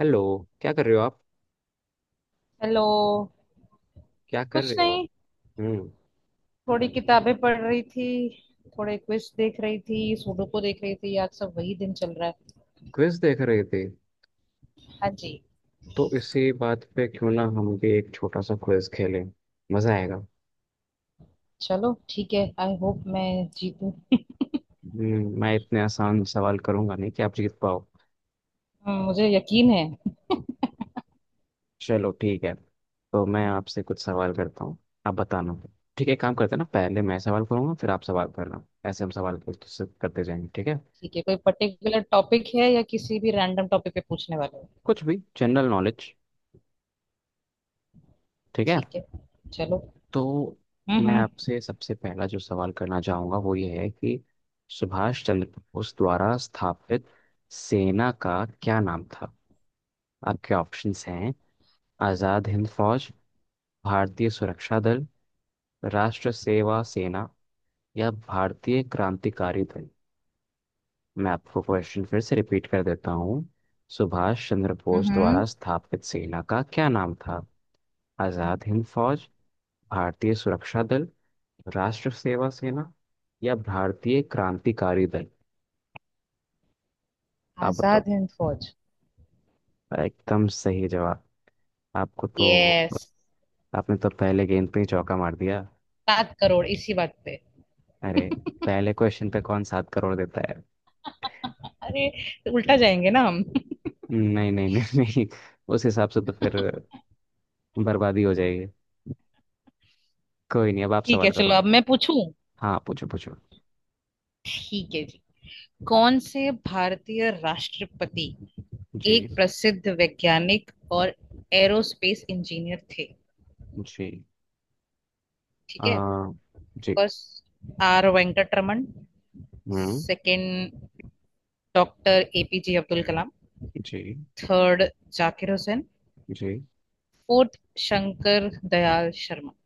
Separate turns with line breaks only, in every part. Hello. क्या कर रहे हो आप?
हेलो।
क्या कर
कुछ
रहे हो आप?
नहीं।
हम्म
थोड़ी किताबें पढ़ रही थी। थोड़े क्विज देख रही थी, सुडोकू देख रही थी, आज सब वही दिन चल रहा है।
क्विज देख रहे थे?
हाँ जी।
तो इसी बात पे क्यों ना हम भी एक छोटा सा क्विज खेलें। मजा आएगा।
चलो ठीक है, आई होप मैं जीतूं।
मैं इतने आसान सवाल करूंगा नहीं कि आप जीत पाओ।
मुझे यकीन है।
चलो ठीक है। तो मैं आपसे कुछ सवाल करता हूँ। आप बताना। ठीक है, एक काम करते हैं ना, पहले मैं सवाल करूंगा, फिर आप सवाल करना। ऐसे हम सवाल करते करते जाएंगे, ठीक है।
ठीक है, कोई पर्टिकुलर टॉपिक है या किसी भी रैंडम टॉपिक पे पूछने वाले हो।
कुछ भी, जनरल नॉलेज। ठीक है।
ठीक है। चलो।
तो
हम्म
मैं
हम्म
आपसे सबसे पहला जो सवाल करना चाहूंगा वो ये है कि सुभाष चंद्र बोस द्वारा स्थापित सेना का क्या नाम था? आपके ऑप्शंस हैं आज़ाद हिंद फौज, भारतीय सुरक्षा दल, राष्ट्र सेवा सेना, या भारतीय क्रांतिकारी दल। मैं आपको क्वेश्चन फिर से रिपीट कर देता हूँ। सुभाष चंद्र बोस
हम्म
द्वारा स्थापित सेना का क्या नाम था? आज़ाद हिंद फौज, भारतीय सुरक्षा दल, राष्ट्र सेवा सेना, या भारतीय क्रांतिकारी दल। आप बताओ।
आजाद हिंद फौज।
एकदम सही जवाब। आपको तो,
यस।
आपने तो पहले गेंद पे ही चौका मार दिया।
7 करोड़ इसी बात पे।
अरे, पहले क्वेश्चन पे कौन 7 करोड़ देता है?
अरे, तो उल्टा जाएंगे ना हम।
नहीं नहीं नहीं नहीं, उस हिसाब से तो फिर बर्बादी हो जाएगी। कोई नहीं, अब आप
ठीक है,
सवाल
चलो
करो।
अब मैं पूछूं।
हाँ, पूछो पूछो।
ठीक है जी। कौन से भारतीय राष्ट्रपति एक
जी।
प्रसिद्ध वैज्ञानिक और एरोस्पेस इंजीनियर थे?
जी।
ठीक है।
आ, जी।
First, R Venkataraman.
हम्म
second, doctor APJ Abdul Kalam.
Ji.
Third, Zakir Hussain.
Ji.
Fourth, Shankar Dayal Sharma.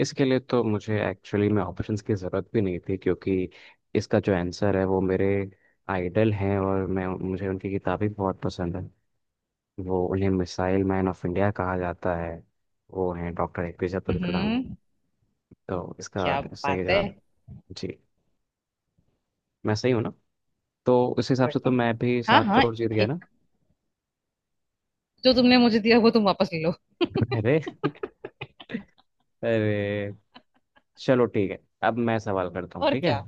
इसके लिए तो मुझे एक्चुअली में ऑप्शंस की ज़रूरत भी नहीं थी, क्योंकि इसका जो आंसर है वो मेरे आइडल हैं, और मैं मुझे उनकी किताबें बहुत पसंद है। वो, उन्हें मिसाइल मैन ऑफ इंडिया कहा जाता है। वो हैं डॉक्टर APJ अब्दुल कलाम।
हम्म।
तो इसका
क्या
सही
बात है।
जवाब। जी। मैं सही हूँ ना? तो उस हिसाब से तो
बढ़िया।
मैं भी
हाँ
सात
हाँ।
करोड़ जीत गया ना।
एक जो तुमने मुझे दिया वो तुम वापस ले लो।
अरे। अरे, चलो ठीक है। अब मैं सवाल करता हूँ,
और
ठीक है।
क्या।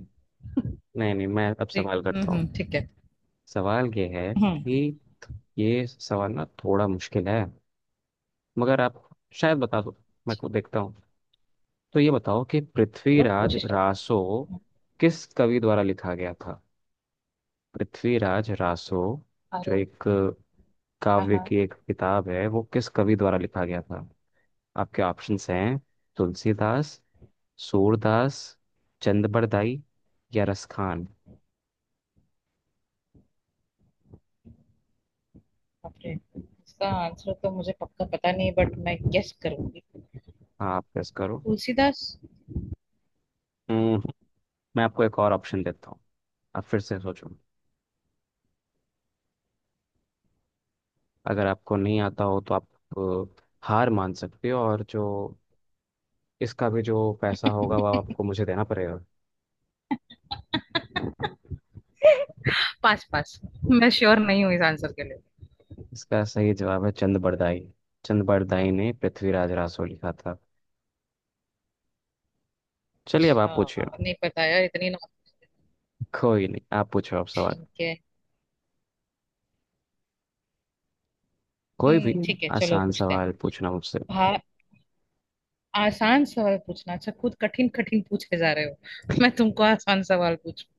नहीं नहीं, मैं अब
ठीक
सवाल करता हूँ।
ठीक है।
सवाल ये है
हम्म
कि, ये सवाल ना थोड़ा मुश्किल है, मगर आप शायद बता दो। मैं को देखता हूँ। तो ये बताओ कि
चलो
पृथ्वीराज
कोशिश करते
रासो
हैं।
किस कवि द्वारा लिखा गया था? पृथ्वीराज रासो, जो
अरे।
एक
हाँ
काव्य
हाँ।
की एक किताब है, वो किस कवि द्वारा लिखा गया था? आपके ऑप्शंस हैं तुलसीदास, सूरदास, चंदबरदाई, या रसखान।
बापरे, इसका आंसर तो मुझे पक्का पता नहीं, बट मैं गेस करूंगी।
हाँ, आप गेस करो।
तुलसीदास।
हम्म, मैं आपको एक और ऑप्शन देता हूँ। आप फिर से सोचो। अगर आपको नहीं आता हो तो आप अ, हार मान सकते हो, और जो इसका भी जो पैसा होगा वह आपको मुझे देना पड़ेगा।
पास पास। मैं श्योर नहीं हूँ इस आंसर के लिए।
इसका सही जवाब है चंद बरदाई। चंद बरदाई ने पृथ्वीराज रासो लिखा था। चलिए अब आप
अच्छा
पूछिए।
नहीं पता यार, इतनी नॉट।
कोई नहीं, आप पूछो, आप सवाल।
ठीक है।
कोई भी।
ठीक है, चलो
आसान
पूछते हैं।
सवाल पूछना मुझसे।
भा आसान सवाल पूछना, अच्छा खुद कठिन कठिन पूछे जा रहे हो, मैं तुमको आसान सवाल पूछूं।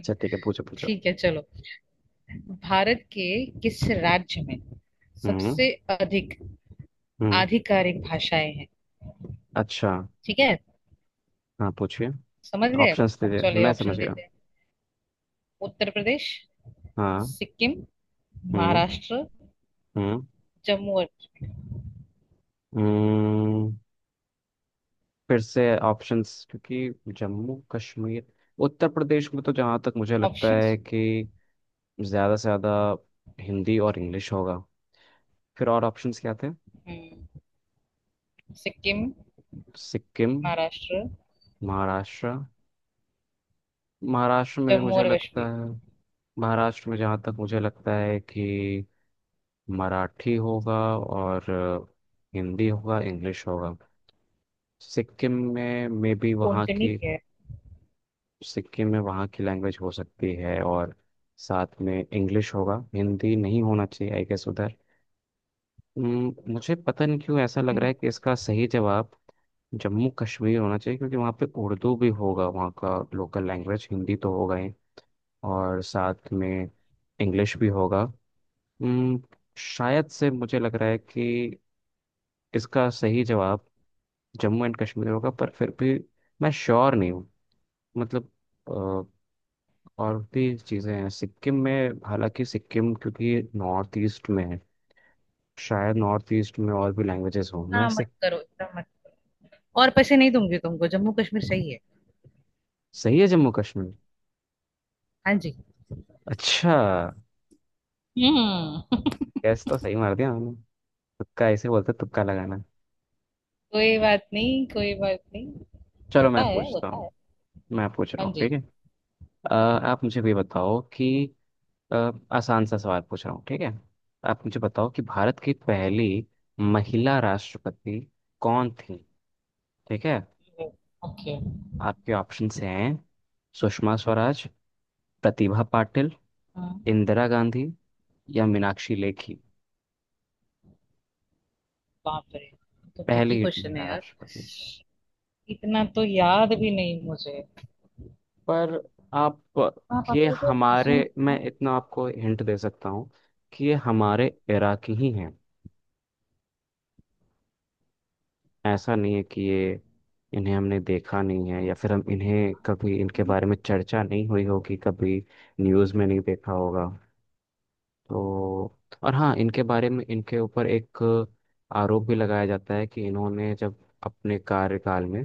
अच्छा ठीक है, पूछो पूछो।
ठीक है, चलो। भारत के किस राज्य में
हम्म
सबसे अधिक
हम्म।
आधिकारिक भाषाएं हैं?
अच्छा।
ठीक है।
हाँ पूछिए।
समझ गए।
ऑप्शंस
अब
दीजिए,
चलो
मैं समझ
ऑप्शन
गया।
देते हैं। उत्तर प्रदेश।
हाँ।
सिक्किम।
हम्म।
महाराष्ट्र।
हम्म।
जम्मू और
हम्म फिर से ऑप्शंस, क्योंकि जम्मू कश्मीर, उत्तर प्रदेश में तो जहाँ तक मुझे लगता है
ऑप्शंस।
कि ज़्यादा से ज़्यादा हिंदी और इंग्लिश होगा। फिर और ऑप्शंस क्या थे?
हम्म। सिक्किम,
सिक्किम।
महाराष्ट्र,
महाराष्ट्र। महाराष्ट्र में भी
जम्मू
मुझे
और
लगता
कश्मीर।
है, महाराष्ट्र में जहाँ तक मुझे लगता है कि मराठी होगा, और हिंदी होगा, इंग्लिश होगा। सिक्किम में मे बी वहाँ
कोंकणी
की,
भी है।
सिक्किम में वहाँ की लैंग्वेज हो सकती है, और साथ में इंग्लिश होगा, हिंदी नहीं होना चाहिए आई गेस उधर। मुझे पता नहीं क्यों ऐसा लग रहा
हम्म,
है कि इसका सही जवाब जम्मू कश्मीर होना चाहिए, क्योंकि वहाँ पे उर्दू भी होगा, वहाँ का लोकल लैंग्वेज हिंदी तो होगा ही, और साथ में इंग्लिश भी होगा। हम्म, शायद से मुझे लग रहा है कि इसका सही जवाब जम्मू एंड कश्मीर होगा, पर फिर भी मैं श्योर नहीं हूँ। मतलब और भी चीज़ें हैं सिक्किम में, हालांकि सिक्किम क्योंकि नॉर्थ ईस्ट में है, शायद नॉर्थ ईस्ट में और भी लैंग्वेजेस हो। मैं
ना मत
सिक।
करो, इतना मत। और पैसे नहीं दूंगी तुमको, जम्मू कश्मीर सही है।
सही है जम्मू कश्मीर।
हाँ जी।
अच्छा।
हम्म।
गैस तो सही मार दिया हमने। तुक्का ऐसे बोलते हैं, तुक्का लगाना।
कोई बात नहीं, कोई बात नहीं।
चलो
होता
मैं
है,
पूछता
होता है।
हूँ। मैं पूछ रहा
हाँ
हूँ,
जी।
ठीक है। आप मुझे भी बताओ कि अ, आसान सा सवाल पूछ रहा हूँ, ठीक है। आप मुझे बताओ कि भारत की पहली महिला राष्ट्रपति कौन थी? ठीक है।
ओके।
आपके ऑप्शंस हैं सुषमा स्वराज, प्रतिभा पाटिल,
हाँ।
इंदिरा गांधी, या मीनाक्षी लेखी।
बाप रे, तो ट्रिकी
पहली
क्वेश्चन है
महिला
यार।
राष्ट्रपति।
इतना तो याद भी नहीं मुझे।
पर आप,
हाँ
ये
पापा, ये तो
हमारे,
रिसेंट है।
मैं इतना आपको हिंट दे सकता हूँ कि ये हमारे इरा की ही हैं। ऐसा नहीं है कि ये, इन्हें हमने देखा नहीं है, या फिर हम इन्हें, कभी इनके बारे में चर्चा नहीं हुई होगी, कभी न्यूज़ में नहीं देखा होगा। तो और हाँ, इनके बारे में, इनके ऊपर एक आरोप भी लगाया जाता है कि इन्होंने जब अपने कार्यकाल में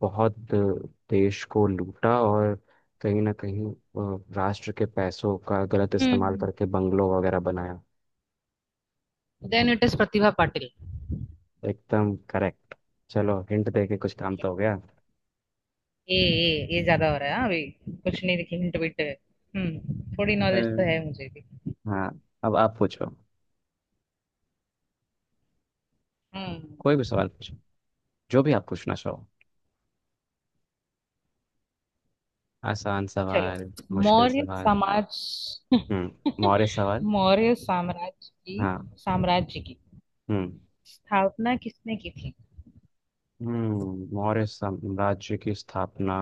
बहुत देश को लूटा, और कहीं ना कहीं राष्ट्र के पैसों का गलत इस्तेमाल
हम्म
करके बंगलों वगैरह बनाया।
Then it is Pratibha Patil.
एकदम करेक्ट। चलो हिंट दे के कुछ काम तो हो गया।
ये ज्यादा हो रहा है, हाँ अभी। कुछ नहीं देखी, हिंट विंट। थोड़ी
अ,
नॉलेज तो है मुझे भी।
हाँ, अब आप पूछो।
हम्म।
कोई भी सवाल पूछो, जो भी आप पूछना चाहो। आसान
चलो,
सवाल, मुश्किल
मौर्य
सवाल।
समाज।
हम्म मौर्य सवाल।
मौर्य साम्राज्य की
हाँ।
साम्राज्य की
हम्म।
स्थापना किसने की थी?
मौर्य साम्राज्य की स्थापना,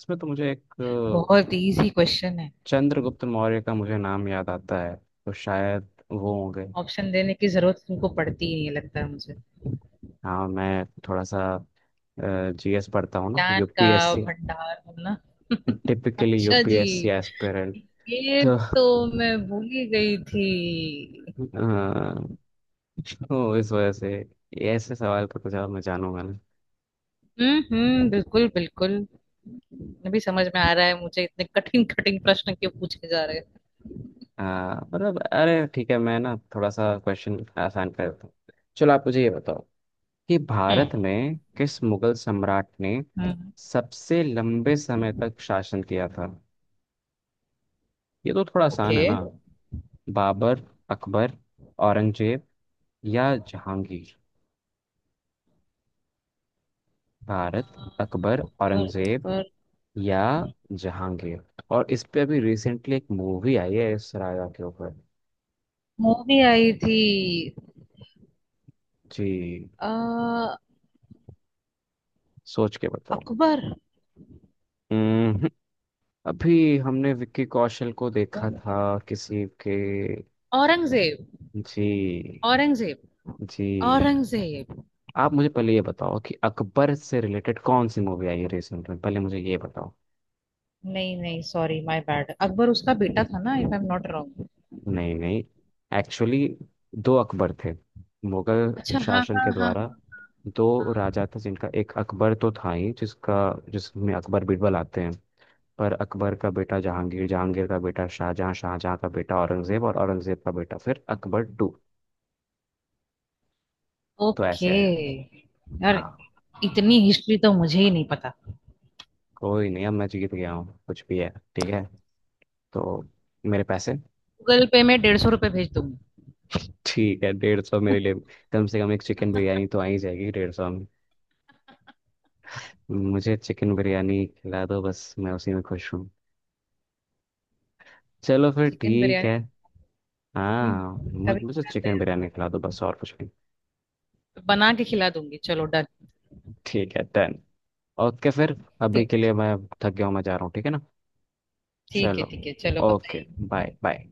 इसमें तो मुझे, एक
बहुत इजी क्वेश्चन है।
चंद्रगुप्त मौर्य का मुझे नाम याद आता है, तो शायद वो हो गए।
ऑप्शन देने की जरूरत तुमको पड़ती ही नहीं लगता है मुझे।
हाँ, मैं थोड़ा सा GS पढ़ता हूँ ना,
ज्ञान का
UPSC।
भंडार है ना।
टिपिकली
अच्छा जी।
UPSC aspirant.
ये
तो अ,
तो मैं भूल ही गई थी।
तो इस वजह से ऐसे सवाल पर कुछ और मैं जानूंगा ना।
हम्म, बिल्कुल बिल्कुल। अभी समझ में आ रहा है मुझे, इतने कठिन कठिन प्रश्न क्यों पूछे जा रहे हैं।
अ, मतलब, अरे ठीक है, मैं ना थोड़ा सा क्वेश्चन आसान कर देता हूँ। चलो आप मुझे ये बताओ कि
हम्म
भारत में किस मुगल सम्राट ने
हम्म।
सबसे लंबे समय तक शासन किया था? ये तो थोड़ा आसान
ओके।
है ना। बाबर, अकबर, औरंगजेब, या जहांगीर। भारत, अकबर,
पर,
औरंगजेब,
पर
या जहांगीर। और इस पे अभी रिसेंटली एक मूवी आई है इस राजा के ऊपर।
मूवी आई थी।
जी।
आ,
सोच के बताओ।
अकबर।
हम्म, अभी हमने विक्की कौशल को देखा
पर-
था किसी के।
औरंगजेब।
जी।
औरंगजेब।
जी।
औरंगजेब।
आप मुझे पहले ये बताओ कि अकबर से रिलेटेड कौन सी मूवी आई है रिसेंट में, पहले मुझे ये बताओ।
नहीं नहीं, सॉरी माय बैड, अकबर उसका बेटा था ना, if I am not wrong.
नहीं नहीं। एक्चुअली दो अकबर थे। मुगल
अच्छा हाँ
शासन
हाँ
के
हाँ।
द्वारा दो राजा थे जिनका, एक अकबर तो था ही, जिसका, जिसमें अकबर बीरबल आते हैं, पर अकबर का बेटा जहांगीर, जहांगीर का बेटा शाहजहां, शाहजहां का बेटा औरंगजेब, और औरंगजेब का बेटा फिर अकबर टू। तो
ओके।
ऐसे है।
यार
हाँ।
इतनी हिस्ट्री तो मुझे ही नहीं पता।
कोई नहीं, अब मैं जीत गया हूँ कुछ भी है। ठीक है। तो मेरे पैसे।
गूगल पे में 150 रुपये भेज दूंगी।
ठीक है, 150 मेरे लिए कम से कम एक चिकन बिरयानी तो आ ही जाएगी। 150, मुझे चिकन बिरयानी खिला दो, बस मैं उसी में खुश हूँ। चलो फिर
चिकन
ठीक
बिरयानी।
है।
हम्म,
हाँ,
कभी
मुझे
खिलाते
चिकन
हैं।
बिरयानी खिला दो बस, और कुछ नहीं।
बना के खिला दूंगी, चलो डन।
ठीक है डन। ओके फिर, अभी के लिए मैं थक गया हूँ, मैं जा रहा हूँ, ठीक है ना।
ठीक है,
चलो।
ठीक है, चलो
ओके
बाय।
Bye bye.